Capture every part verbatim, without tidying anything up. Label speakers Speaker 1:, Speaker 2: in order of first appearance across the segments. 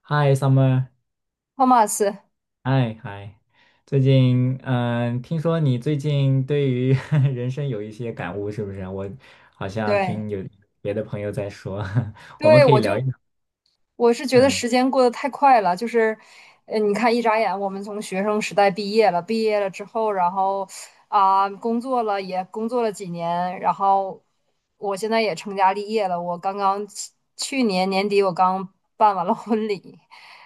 Speaker 1: 嗨，Summer，
Speaker 2: 托马斯，
Speaker 1: 嗨嗨，最近嗯，听说你最近对于 人生有一些感悟，是不是？我好像
Speaker 2: 对
Speaker 1: 听有别的朋友在说，我们
Speaker 2: 对，
Speaker 1: 可
Speaker 2: 我
Speaker 1: 以聊一
Speaker 2: 就
Speaker 1: 聊。
Speaker 2: 我是觉得
Speaker 1: 嗯。
Speaker 2: 时间过得太快了，就是，呃，你看一眨眼，我们从学生时代毕业了，毕业了之后，然后啊、工作了，也工作了几年，然后我现在也成家立业了，我刚刚去去年年底我刚办完了婚礼。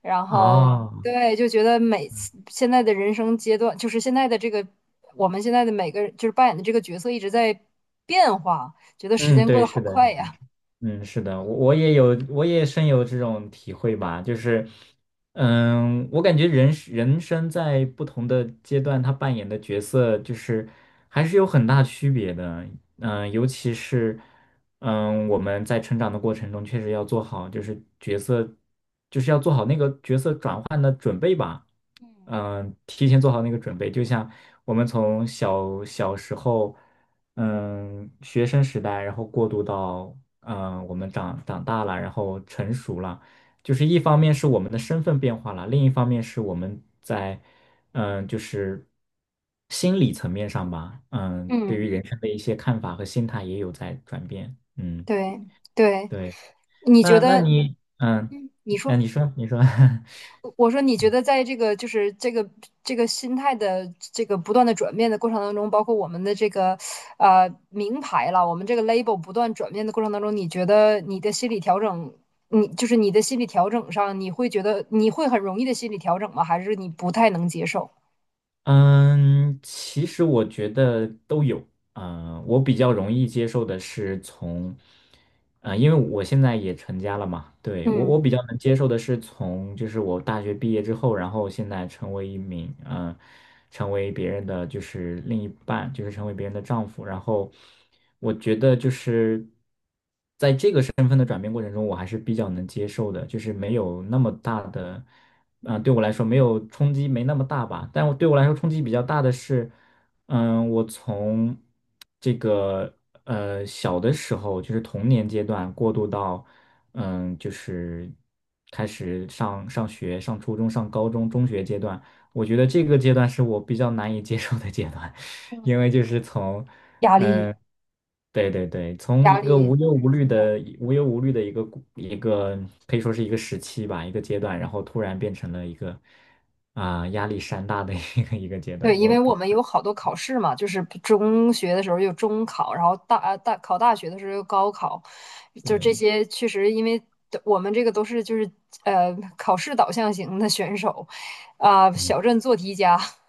Speaker 2: 然后
Speaker 1: 哦。
Speaker 2: 对，就觉得每次现在的人生阶段，就是现在的这个我们现在的每个就是扮演的这个角色一直在变化，觉得时
Speaker 1: 嗯，
Speaker 2: 间过
Speaker 1: 对，
Speaker 2: 得
Speaker 1: 是
Speaker 2: 好
Speaker 1: 的。
Speaker 2: 快呀。
Speaker 1: 嗯，是的，我我也有，我也深有这种体会吧。就是，嗯，我感觉人是人生在不同的阶段，他扮演的角色就是还是有很大区别的。嗯，尤其是，嗯，我们在成长的过程中，确实要做好，就是角色，就是要做好那个角色。嗯、呃提前做好那个准备，就像我们从小小时候，嗯，学生时代，然后过渡到，嗯，我们长长大了，然后成熟了，就是一方面是我们的身份变化了，另一方面是我们在，嗯，就是心理层面上吧，嗯，对
Speaker 2: 嗯，
Speaker 1: 于人生的一些看法和心态也有在转变。嗯，
Speaker 2: 对对，
Speaker 1: 对。
Speaker 2: 你觉
Speaker 1: 那那
Speaker 2: 得，
Speaker 1: 你，嗯，
Speaker 2: 嗯，你
Speaker 1: 那
Speaker 2: 说，
Speaker 1: 你说，你说，
Speaker 2: 我说你觉得，在这个就是这个这个心态的这个不断的转变的过程当中，包括我们的这个呃名牌了，我们这个 label 不断转变的过程当中，你觉得你的心理调整，你就是你的心理调整上，你会觉得你会很容易的心理调整吗？还是你不太能接受？
Speaker 1: 嗯，其实我觉得都有。嗯、我比较容易接受的是从，嗯，因为我现在也成家了嘛。对，我
Speaker 2: 嗯，
Speaker 1: 我比较能接受的是从，就是我大学毕业之后，然后现在成为一名，嗯、成为别人的就是另一半，就是成为别人的丈夫，然后我觉得就是。身份的转变过程中，我还是比较能接受的，就是没有那么大的，啊、对我来说没有冲击没那么大吧。但我对我来说冲击比较大的是，嗯，我从这个呃小的时候，就是童年阶段过渡到，嗯，就是开始上上学、上初中、上高中、中学阶段，我觉得这个阶段是我比较难以接受的阶段。因
Speaker 2: 嗯，
Speaker 1: 为就是从
Speaker 2: 压力
Speaker 1: 嗯，对对对，从一
Speaker 2: 压
Speaker 1: 个
Speaker 2: 力
Speaker 1: 无忧
Speaker 2: 开
Speaker 1: 无
Speaker 2: 始
Speaker 1: 虑
Speaker 2: 增长。
Speaker 1: 的、无忧无虑的一个故一个可以说是一个时期吧，一个阶段，然后突然变成了一个啊、压力山大的 一个一个阶
Speaker 2: 对，
Speaker 1: 段。
Speaker 2: 因
Speaker 1: 我
Speaker 2: 为我
Speaker 1: 比
Speaker 2: 们有好多考试嘛，就是中学的时候有中考，然后大呃大考大学的时候有高考，就这
Speaker 1: 对。
Speaker 2: 些确实，因为我们这个都是就是呃考试导向型的选手，啊、
Speaker 1: 嗯。
Speaker 2: 小镇做题家，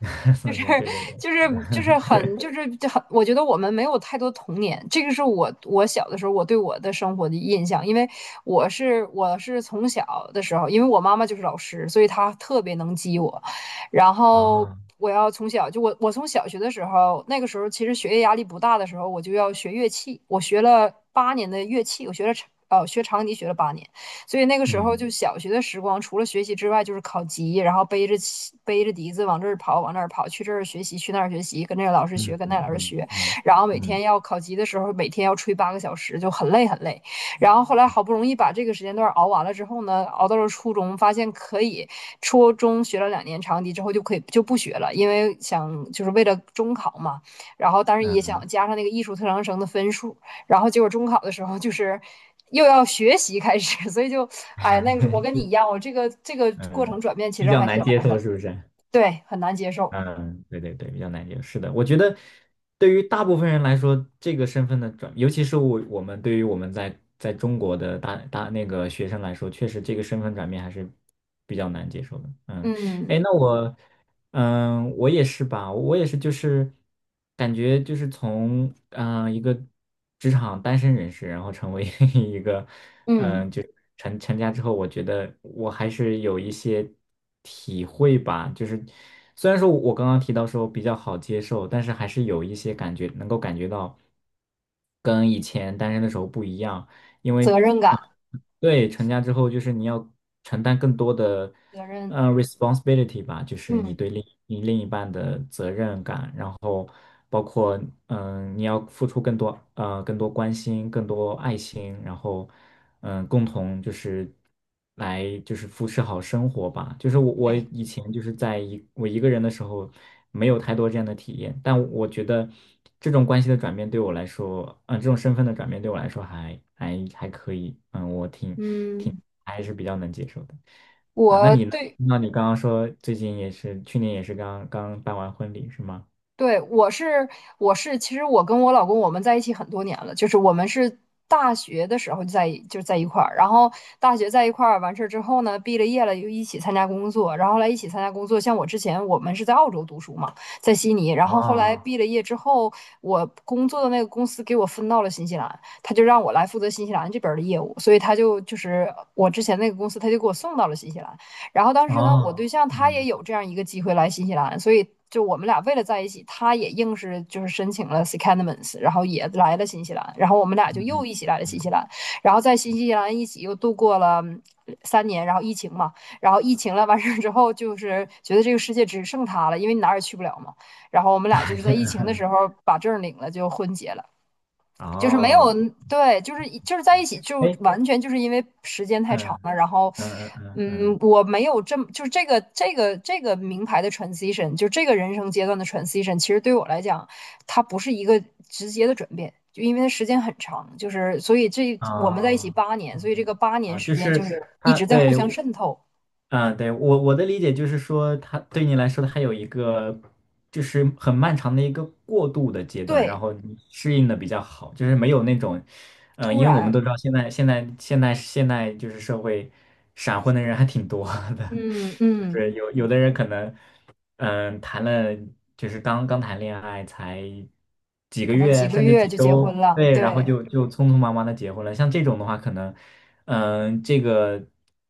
Speaker 2: 就
Speaker 1: 宋
Speaker 2: 是
Speaker 1: 一下，对对对。
Speaker 2: 就是就是很就是就很，我觉得我们没有太多童年，这个是我我小的时候我对我的生活的印象，因为我是我是从小的时候，因为我妈妈就是老师，所以她特别能激我，然后
Speaker 1: 啊。
Speaker 2: 我要从小就我我从小学的时候，那个时候其实学业压力不大的时候，我就要学乐器，我学了八年的乐器，我学了长呃学长笛学了八年，所以那个时候
Speaker 1: 嗯
Speaker 2: 就小学的时光，除了学习之外，就是考级，然后背着背着笛子往这儿跑，往那儿跑，去这儿学习，去那儿学习，跟这个老师学，
Speaker 1: 嗯
Speaker 2: 跟那个
Speaker 1: 嗯
Speaker 2: 老师
Speaker 1: 嗯
Speaker 2: 学，
Speaker 1: 嗯
Speaker 2: 然后每天
Speaker 1: 嗯
Speaker 2: 要考级的时候，每天要吹八个小时，就很累很累。然后后来好不容易把这个时间段熬完了之后呢，熬到了初中，发现可以，初中学了两年长笛之后就可以就不学了，因为想就是为了中考嘛，然后当然也
Speaker 1: 嗯。
Speaker 2: 想加上那个艺术特长生的分数，然后结果中考的时候就是又要学习开始，所以就哎，那个时候我跟你 一样，我这个这个过
Speaker 1: 嗯，
Speaker 2: 程转变其
Speaker 1: 比
Speaker 2: 实
Speaker 1: 较
Speaker 2: 还
Speaker 1: 难
Speaker 2: 挺
Speaker 1: 接
Speaker 2: 难
Speaker 1: 受
Speaker 2: 的，
Speaker 1: 是不是？
Speaker 2: 对，很难接受。
Speaker 1: 嗯，对对对，比较难接受。是的，我觉得对于大部分人来说，这个身份的转，尤其是我我们对于我们在在中国的大大那个学生来说，确实这个身份转变还是比较难接受的。嗯。
Speaker 2: 嗯
Speaker 1: 哎，那我，嗯，我也是吧，我也是，就是感觉就是从嗯、呃一个职场单身人士，然后成为 一个嗯、
Speaker 2: 嗯，
Speaker 1: 呃就成成家之后，我觉得我还是有一些体会吧。就是虽然说我刚刚提到说比较好接受，但是还是有一些感觉能够感觉到跟以前单身的时候不一样，因为。
Speaker 2: 责任
Speaker 1: 呃
Speaker 2: 感，
Speaker 1: 对，成家之后就是你要承担更多的，
Speaker 2: 责任，
Speaker 1: 呃，responsibility 吧，就是你
Speaker 2: 嗯，
Speaker 1: 对另你另一半。然后包括嗯，呃你要付出更多呃更多关心、更多爱心，然后嗯，呃共同就是来就是扶持好生活吧。就是我我
Speaker 2: 对，
Speaker 1: 以前就是在一我一个人的时候，没有太多这样的体验，但我觉得这种关系的转变对我来说，嗯、这种身份的转变对我来说还还还可以。嗯，我挺挺
Speaker 2: 嗯，
Speaker 1: 还是比较能接受的。嗯，那
Speaker 2: 我
Speaker 1: 你呢？
Speaker 2: 对
Speaker 1: 那你刚刚说最近也是，去年也是刚刚办完婚礼是吗？
Speaker 2: 对，我是我是，其实我跟我老公我们在一起很多年了，就是我们是大学的时候就在一就在一块儿，然后大学在一块儿完事儿之后呢，毕了业了又一起参加工作，然后后来一起参加工作，像我之前我们是在澳洲读书嘛，在悉尼，然后后来
Speaker 1: 哦
Speaker 2: 毕了业之后，我工作的那个公司给我分到了新西兰，他就让我来负责新西兰这边儿的业务，所以他就就是我之前那个公司他就给我送到了新西兰。然后当时呢，我
Speaker 1: 哦。
Speaker 2: 对象他也
Speaker 1: 嗯
Speaker 2: 有这样一个机会来新西兰，所以就我们俩为了在一起，他也硬是就是申请了 secondments,然后也来了新西兰，然后我们俩就又
Speaker 1: 嗯
Speaker 2: 一起来了新西
Speaker 1: 嗯。
Speaker 2: 兰，然后在新西兰一起又度过了三年，然后疫情嘛，然后疫情了完事儿之后，就是觉得这个世界只剩他了，因为你哪儿也去不了嘛，然后我们俩就是在疫情的时 候把证领了，就婚结了。就是没有，
Speaker 1: 哦。
Speaker 2: 对，就是就是在一起，就
Speaker 1: 哎，
Speaker 2: 完全就是因为时间太长
Speaker 1: 嗯
Speaker 2: 了，然后，
Speaker 1: 嗯嗯嗯
Speaker 2: 嗯，
Speaker 1: 嗯。
Speaker 2: 我没有这么就是这个这个这个名牌的 transition,就这个人生阶段的 transition,其实对我来讲，它不是一个直接的转变，就因为它时间很长，就是所以这
Speaker 1: 哦。
Speaker 2: 我们在一起
Speaker 1: 啊，
Speaker 2: 八年，所
Speaker 1: 哦。
Speaker 2: 以这个八年
Speaker 1: 哦
Speaker 2: 时
Speaker 1: 就
Speaker 2: 间就
Speaker 1: 是
Speaker 2: 是一
Speaker 1: 他
Speaker 2: 直在互
Speaker 1: 对。
Speaker 2: 相渗透，
Speaker 1: 啊，对我我的理解就是说，他对你来说，他有一个就是很漫长的一个过渡的阶段，然
Speaker 2: 对，
Speaker 1: 后你适应的比较好，就是没有那种嗯、呃
Speaker 2: 突
Speaker 1: 因为我们
Speaker 2: 然，
Speaker 1: 都知道现在现在现在现在就是社会闪婚的人还挺多的，
Speaker 2: 嗯
Speaker 1: 就
Speaker 2: 嗯，
Speaker 1: 是有有的人可能嗯、谈了就是刚刚谈恋爱才几个
Speaker 2: 可能几
Speaker 1: 月
Speaker 2: 个
Speaker 1: 甚至
Speaker 2: 月
Speaker 1: 几
Speaker 2: 就结
Speaker 1: 周，
Speaker 2: 婚了，
Speaker 1: 对，然后
Speaker 2: 对，
Speaker 1: 就就匆匆忙忙的结婚了。像这种的话，可能嗯、这个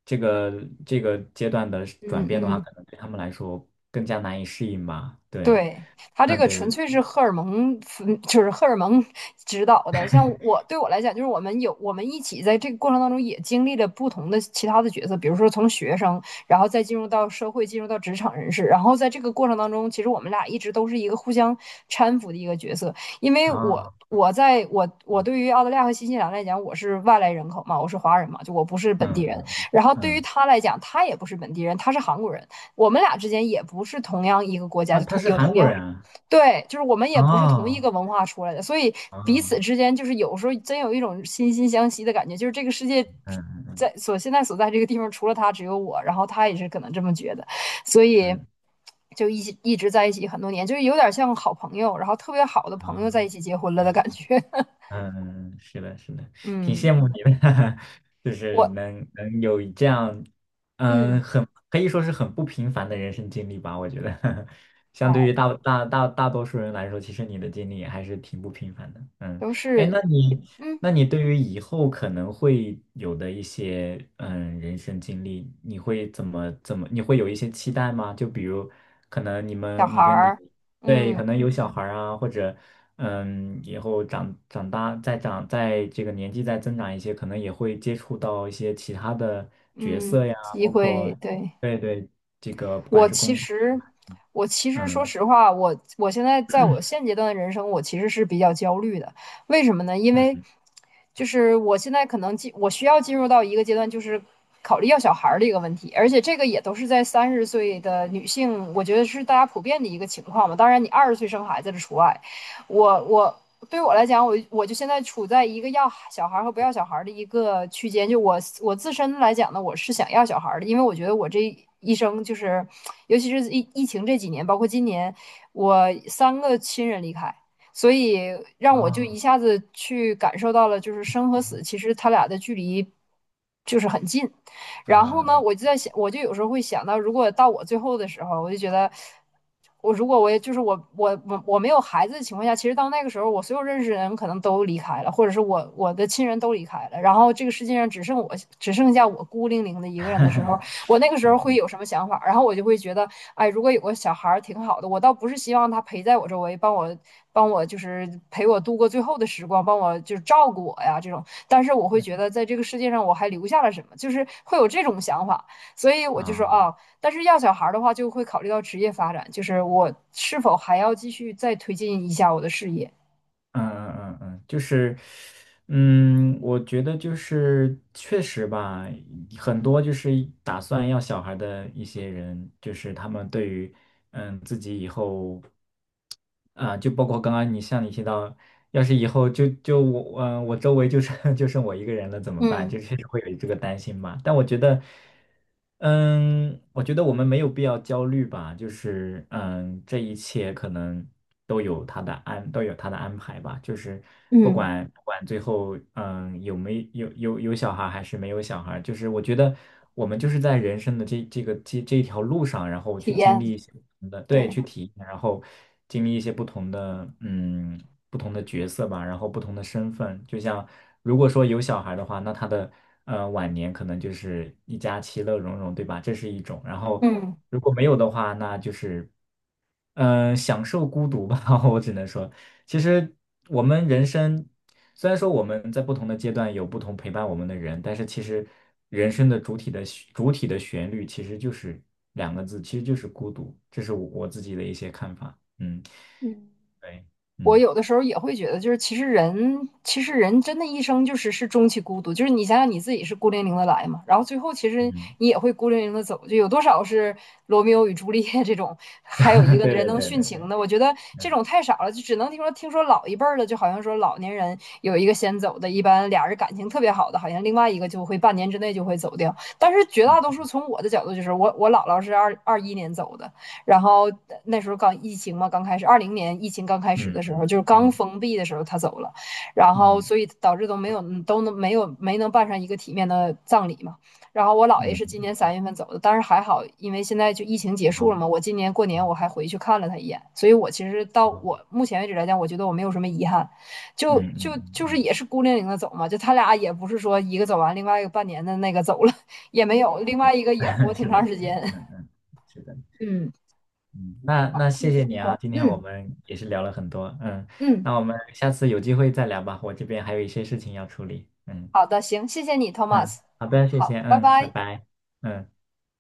Speaker 1: 这个这个阶段的转
Speaker 2: 嗯
Speaker 1: 变的话，
Speaker 2: 嗯。
Speaker 1: 可能对他们来说更加难以适应吧。对。
Speaker 2: 对，他这
Speaker 1: 嗯，
Speaker 2: 个
Speaker 1: 对
Speaker 2: 纯
Speaker 1: 对。
Speaker 2: 粹是荷尔蒙，嗯就是荷尔蒙 指导的。像我对我来讲，就是我们有我们一起在这个过程当中也经历了不同的其他的角色，比如说从学生，然后再进入到社会，进入到职场人士，然后在这个过程当中，其实我们俩一直都是一个互相搀扶的一个角色。因为
Speaker 1: 啊、
Speaker 2: 我我在我我对于澳大利亚和新西兰来讲，我是外来人口嘛，我是华人嘛，就我不是本地
Speaker 1: 嗯
Speaker 2: 人。
Speaker 1: 嗯
Speaker 2: 然后对于
Speaker 1: 嗯。
Speaker 2: 他来讲，他也不是本地人，他是韩国人。我们俩之间也不是同样一个国家，
Speaker 1: 啊，
Speaker 2: 就
Speaker 1: 他
Speaker 2: 同
Speaker 1: 是
Speaker 2: 有
Speaker 1: 韩
Speaker 2: 同
Speaker 1: 国
Speaker 2: 样
Speaker 1: 人啊。
Speaker 2: 对，就是我们也不是同一
Speaker 1: 哦。
Speaker 2: 个文化出来的，所以彼
Speaker 1: 啊，
Speaker 2: 此之间就是有时候真有一种惺惺相惜的感觉，就是这个世界
Speaker 1: 嗯
Speaker 2: 在所现在所在这个地方，除了他只有我，然后他也是可能这么觉得，所以
Speaker 1: 嗯。
Speaker 2: 就一起一直在一起很多年，就是有点像好朋友，然后特别好的朋友
Speaker 1: 啊。
Speaker 2: 在一起结婚了的感觉。
Speaker 1: 嗯，是的，是的，挺
Speaker 2: 嗯，
Speaker 1: 羡慕你的，就是
Speaker 2: 我
Speaker 1: 能能有这样，
Speaker 2: 嗯，
Speaker 1: 嗯，很可以说是很不平凡的人生经历吧，我觉得，相对
Speaker 2: 哎，
Speaker 1: 于大大大大多数人来说，其实你的经历还是挺不平凡的。嗯。
Speaker 2: 都
Speaker 1: 哎，
Speaker 2: 是
Speaker 1: 那你
Speaker 2: 嗯
Speaker 1: 那你对于以后可能会有的一些嗯人生经历，你会怎么怎么，你会有一些期待吗？就比如可能你
Speaker 2: 小
Speaker 1: 们你
Speaker 2: 孩
Speaker 1: 跟你。
Speaker 2: 儿，
Speaker 1: 对，可
Speaker 2: 嗯
Speaker 1: 能有小孩儿啊，或者嗯，以后长长大再长，在这个年纪再增长一些，可能也会接触到一些其他的角
Speaker 2: 嗯，
Speaker 1: 色呀，
Speaker 2: 机
Speaker 1: 包括
Speaker 2: 会对。
Speaker 1: 对对，这个不管
Speaker 2: 我
Speaker 1: 是
Speaker 2: 其
Speaker 1: 工作
Speaker 2: 实，
Speaker 1: 呀。
Speaker 2: 我其实说
Speaker 1: 嗯。
Speaker 2: 实话，我我现在在我现阶段的人生，我其实是比较焦虑的。为什么呢？因为就是我现在可能进，我需要进入到一个阶段，就是考虑要小孩儿的一个问题，而且这个也都是在三十岁的女性，我觉得是大家普遍的一个情况嘛。当然，你二十岁生孩子的除外。我我对我来讲，我我就现在处在一个要小孩和不要小孩的一个区间。就我我自身来讲呢，我是想要小孩的，因为我觉得我这一生就是，尤其是疫疫情这几年，包括今年，我三个亲人离开，所以让我就一
Speaker 1: 啊。
Speaker 2: 下子去感受到了，就是生和死，其实他俩的距离就是很近。
Speaker 1: 嗯。
Speaker 2: 然后呢，
Speaker 1: 啊。
Speaker 2: 我就在想，我就有时候会想到，如果到我最后的时候，我就觉得，我如果我也就是我我我我没有孩子的情况下，其实到那个时候，我所有认识的人可能都离开了，或者是我我的亲人都离开了，然后这个世界上只剩我只剩下我孤零零的一个人的时候，我那个时候会有什么想法？然后我就会觉得，哎，如果有个小孩儿挺好的，我倒不是希望他陪在我周围，帮我帮我就是陪我度过最后的时光，帮我就是照顾我呀这种。但是我会觉得在这个世界上我还留下了什么，就是会有这种想法，所以我就说
Speaker 1: 啊
Speaker 2: 啊，但是要小孩的话就会考虑到职业发展，就是我是否还要继续再推进一下我的事业，
Speaker 1: 嗯嗯嗯。嗯，就是，嗯，我觉得就是确实吧，很多就是打算要小孩的一些人，就是他们对于，嗯，自己以后，啊、就包括刚刚你像你提到，要是以后就就我，嗯、我周围就剩 就剩我一个人了怎么办？就
Speaker 2: 嗯，
Speaker 1: 是会有这个担心吧。但我觉得。嗯，我觉得我们没有必要焦虑吧，就是嗯，这一切可能都有他的安，都有他的安排吧。就是不
Speaker 2: 嗯，
Speaker 1: 管不管最后嗯有没有有有小孩还是没有小孩，就是我觉得我们就是在人生的这这个这这一条路上，然后
Speaker 2: 体
Speaker 1: 去经
Speaker 2: 验，
Speaker 1: 历一些不同的，对，
Speaker 2: 对，
Speaker 1: 去体验，然后经历一些不同的嗯不同的角色吧，然后不同的身份。就像如果说有小孩的话，那他的呃晚年可能就是一家其乐融融，对吧？这是一种。然后
Speaker 2: 嗯。
Speaker 1: 如果没有的话，那就是嗯、呃享受孤独吧，我只能说。其实我们人生，虽然说我们在不同的阶段有不同陪伴我们的人，但是其实人生的主体的旋主体的旋律其实就是两个字，其实就是孤独。这是我我自己的一些看法。嗯，
Speaker 2: 嗯。
Speaker 1: 对。
Speaker 2: 我
Speaker 1: 嗯
Speaker 2: 有的时候也会觉得，就是其实人，其实人真的一生就是是终其孤独，就是你想想你自己是孤零零的来嘛，然后最后其实
Speaker 1: 嗯。
Speaker 2: 你也会孤零零的走，就有多少是罗密欧与朱丽叶这种，还有一 个
Speaker 1: 对
Speaker 2: 人
Speaker 1: 对
Speaker 2: 能
Speaker 1: 对
Speaker 2: 殉
Speaker 1: 对
Speaker 2: 情
Speaker 1: 对。
Speaker 2: 的，我觉得这
Speaker 1: 嗯
Speaker 2: 种太少了，就只能听说听说老一辈儿的，就好像说老年人有一个先走的，一般俩人感情特别好的，好像另外一个就会半年之内就会走掉，但是绝大多
Speaker 1: 嗯
Speaker 2: 数从我的角度就是我我姥姥是二二一年走的，然后那时候刚疫情嘛，刚开始，二零年疫情刚开始
Speaker 1: 嗯
Speaker 2: 的时候，就是刚
Speaker 1: 嗯
Speaker 2: 封闭的时候，他走了，然后
Speaker 1: 嗯
Speaker 2: 所以导致都没有都能没有没能办上一个体面的葬礼嘛。然后我姥爷
Speaker 1: 嗯。嗯
Speaker 2: 是今
Speaker 1: 嗯。
Speaker 2: 年三月份走的，但是还好，因为现在就疫情结
Speaker 1: 好，
Speaker 2: 束了
Speaker 1: 好，
Speaker 2: 嘛，我今年过年我还回去看了他一眼，所以我其实到
Speaker 1: 好。
Speaker 2: 我目前为止来讲，我觉得我没有什么遗憾，就
Speaker 1: 嗯
Speaker 2: 就
Speaker 1: 嗯
Speaker 2: 就是
Speaker 1: 嗯
Speaker 2: 也是孤零零的走嘛，就他俩也不是说一个走完，另外一个半年的那个走了 也没有，另外一个
Speaker 1: 嗯。
Speaker 2: 也活 挺
Speaker 1: 是的，
Speaker 2: 长
Speaker 1: 是
Speaker 2: 时
Speaker 1: 的。
Speaker 2: 间，
Speaker 1: 嗯嗯。是的。
Speaker 2: 嗯。
Speaker 1: 嗯，那那谢谢你啊，今天我
Speaker 2: 嗯
Speaker 1: 们也是聊了很多，嗯，
Speaker 2: 嗯，
Speaker 1: 那我们下次有机会再聊吧，我这边还有一些事情要处理。嗯
Speaker 2: 好的，行，谢谢你，Thomas。
Speaker 1: 嗯。好的，谢
Speaker 2: 好，
Speaker 1: 谢，
Speaker 2: 拜
Speaker 1: 嗯，拜
Speaker 2: 拜。
Speaker 1: 拜。嗯。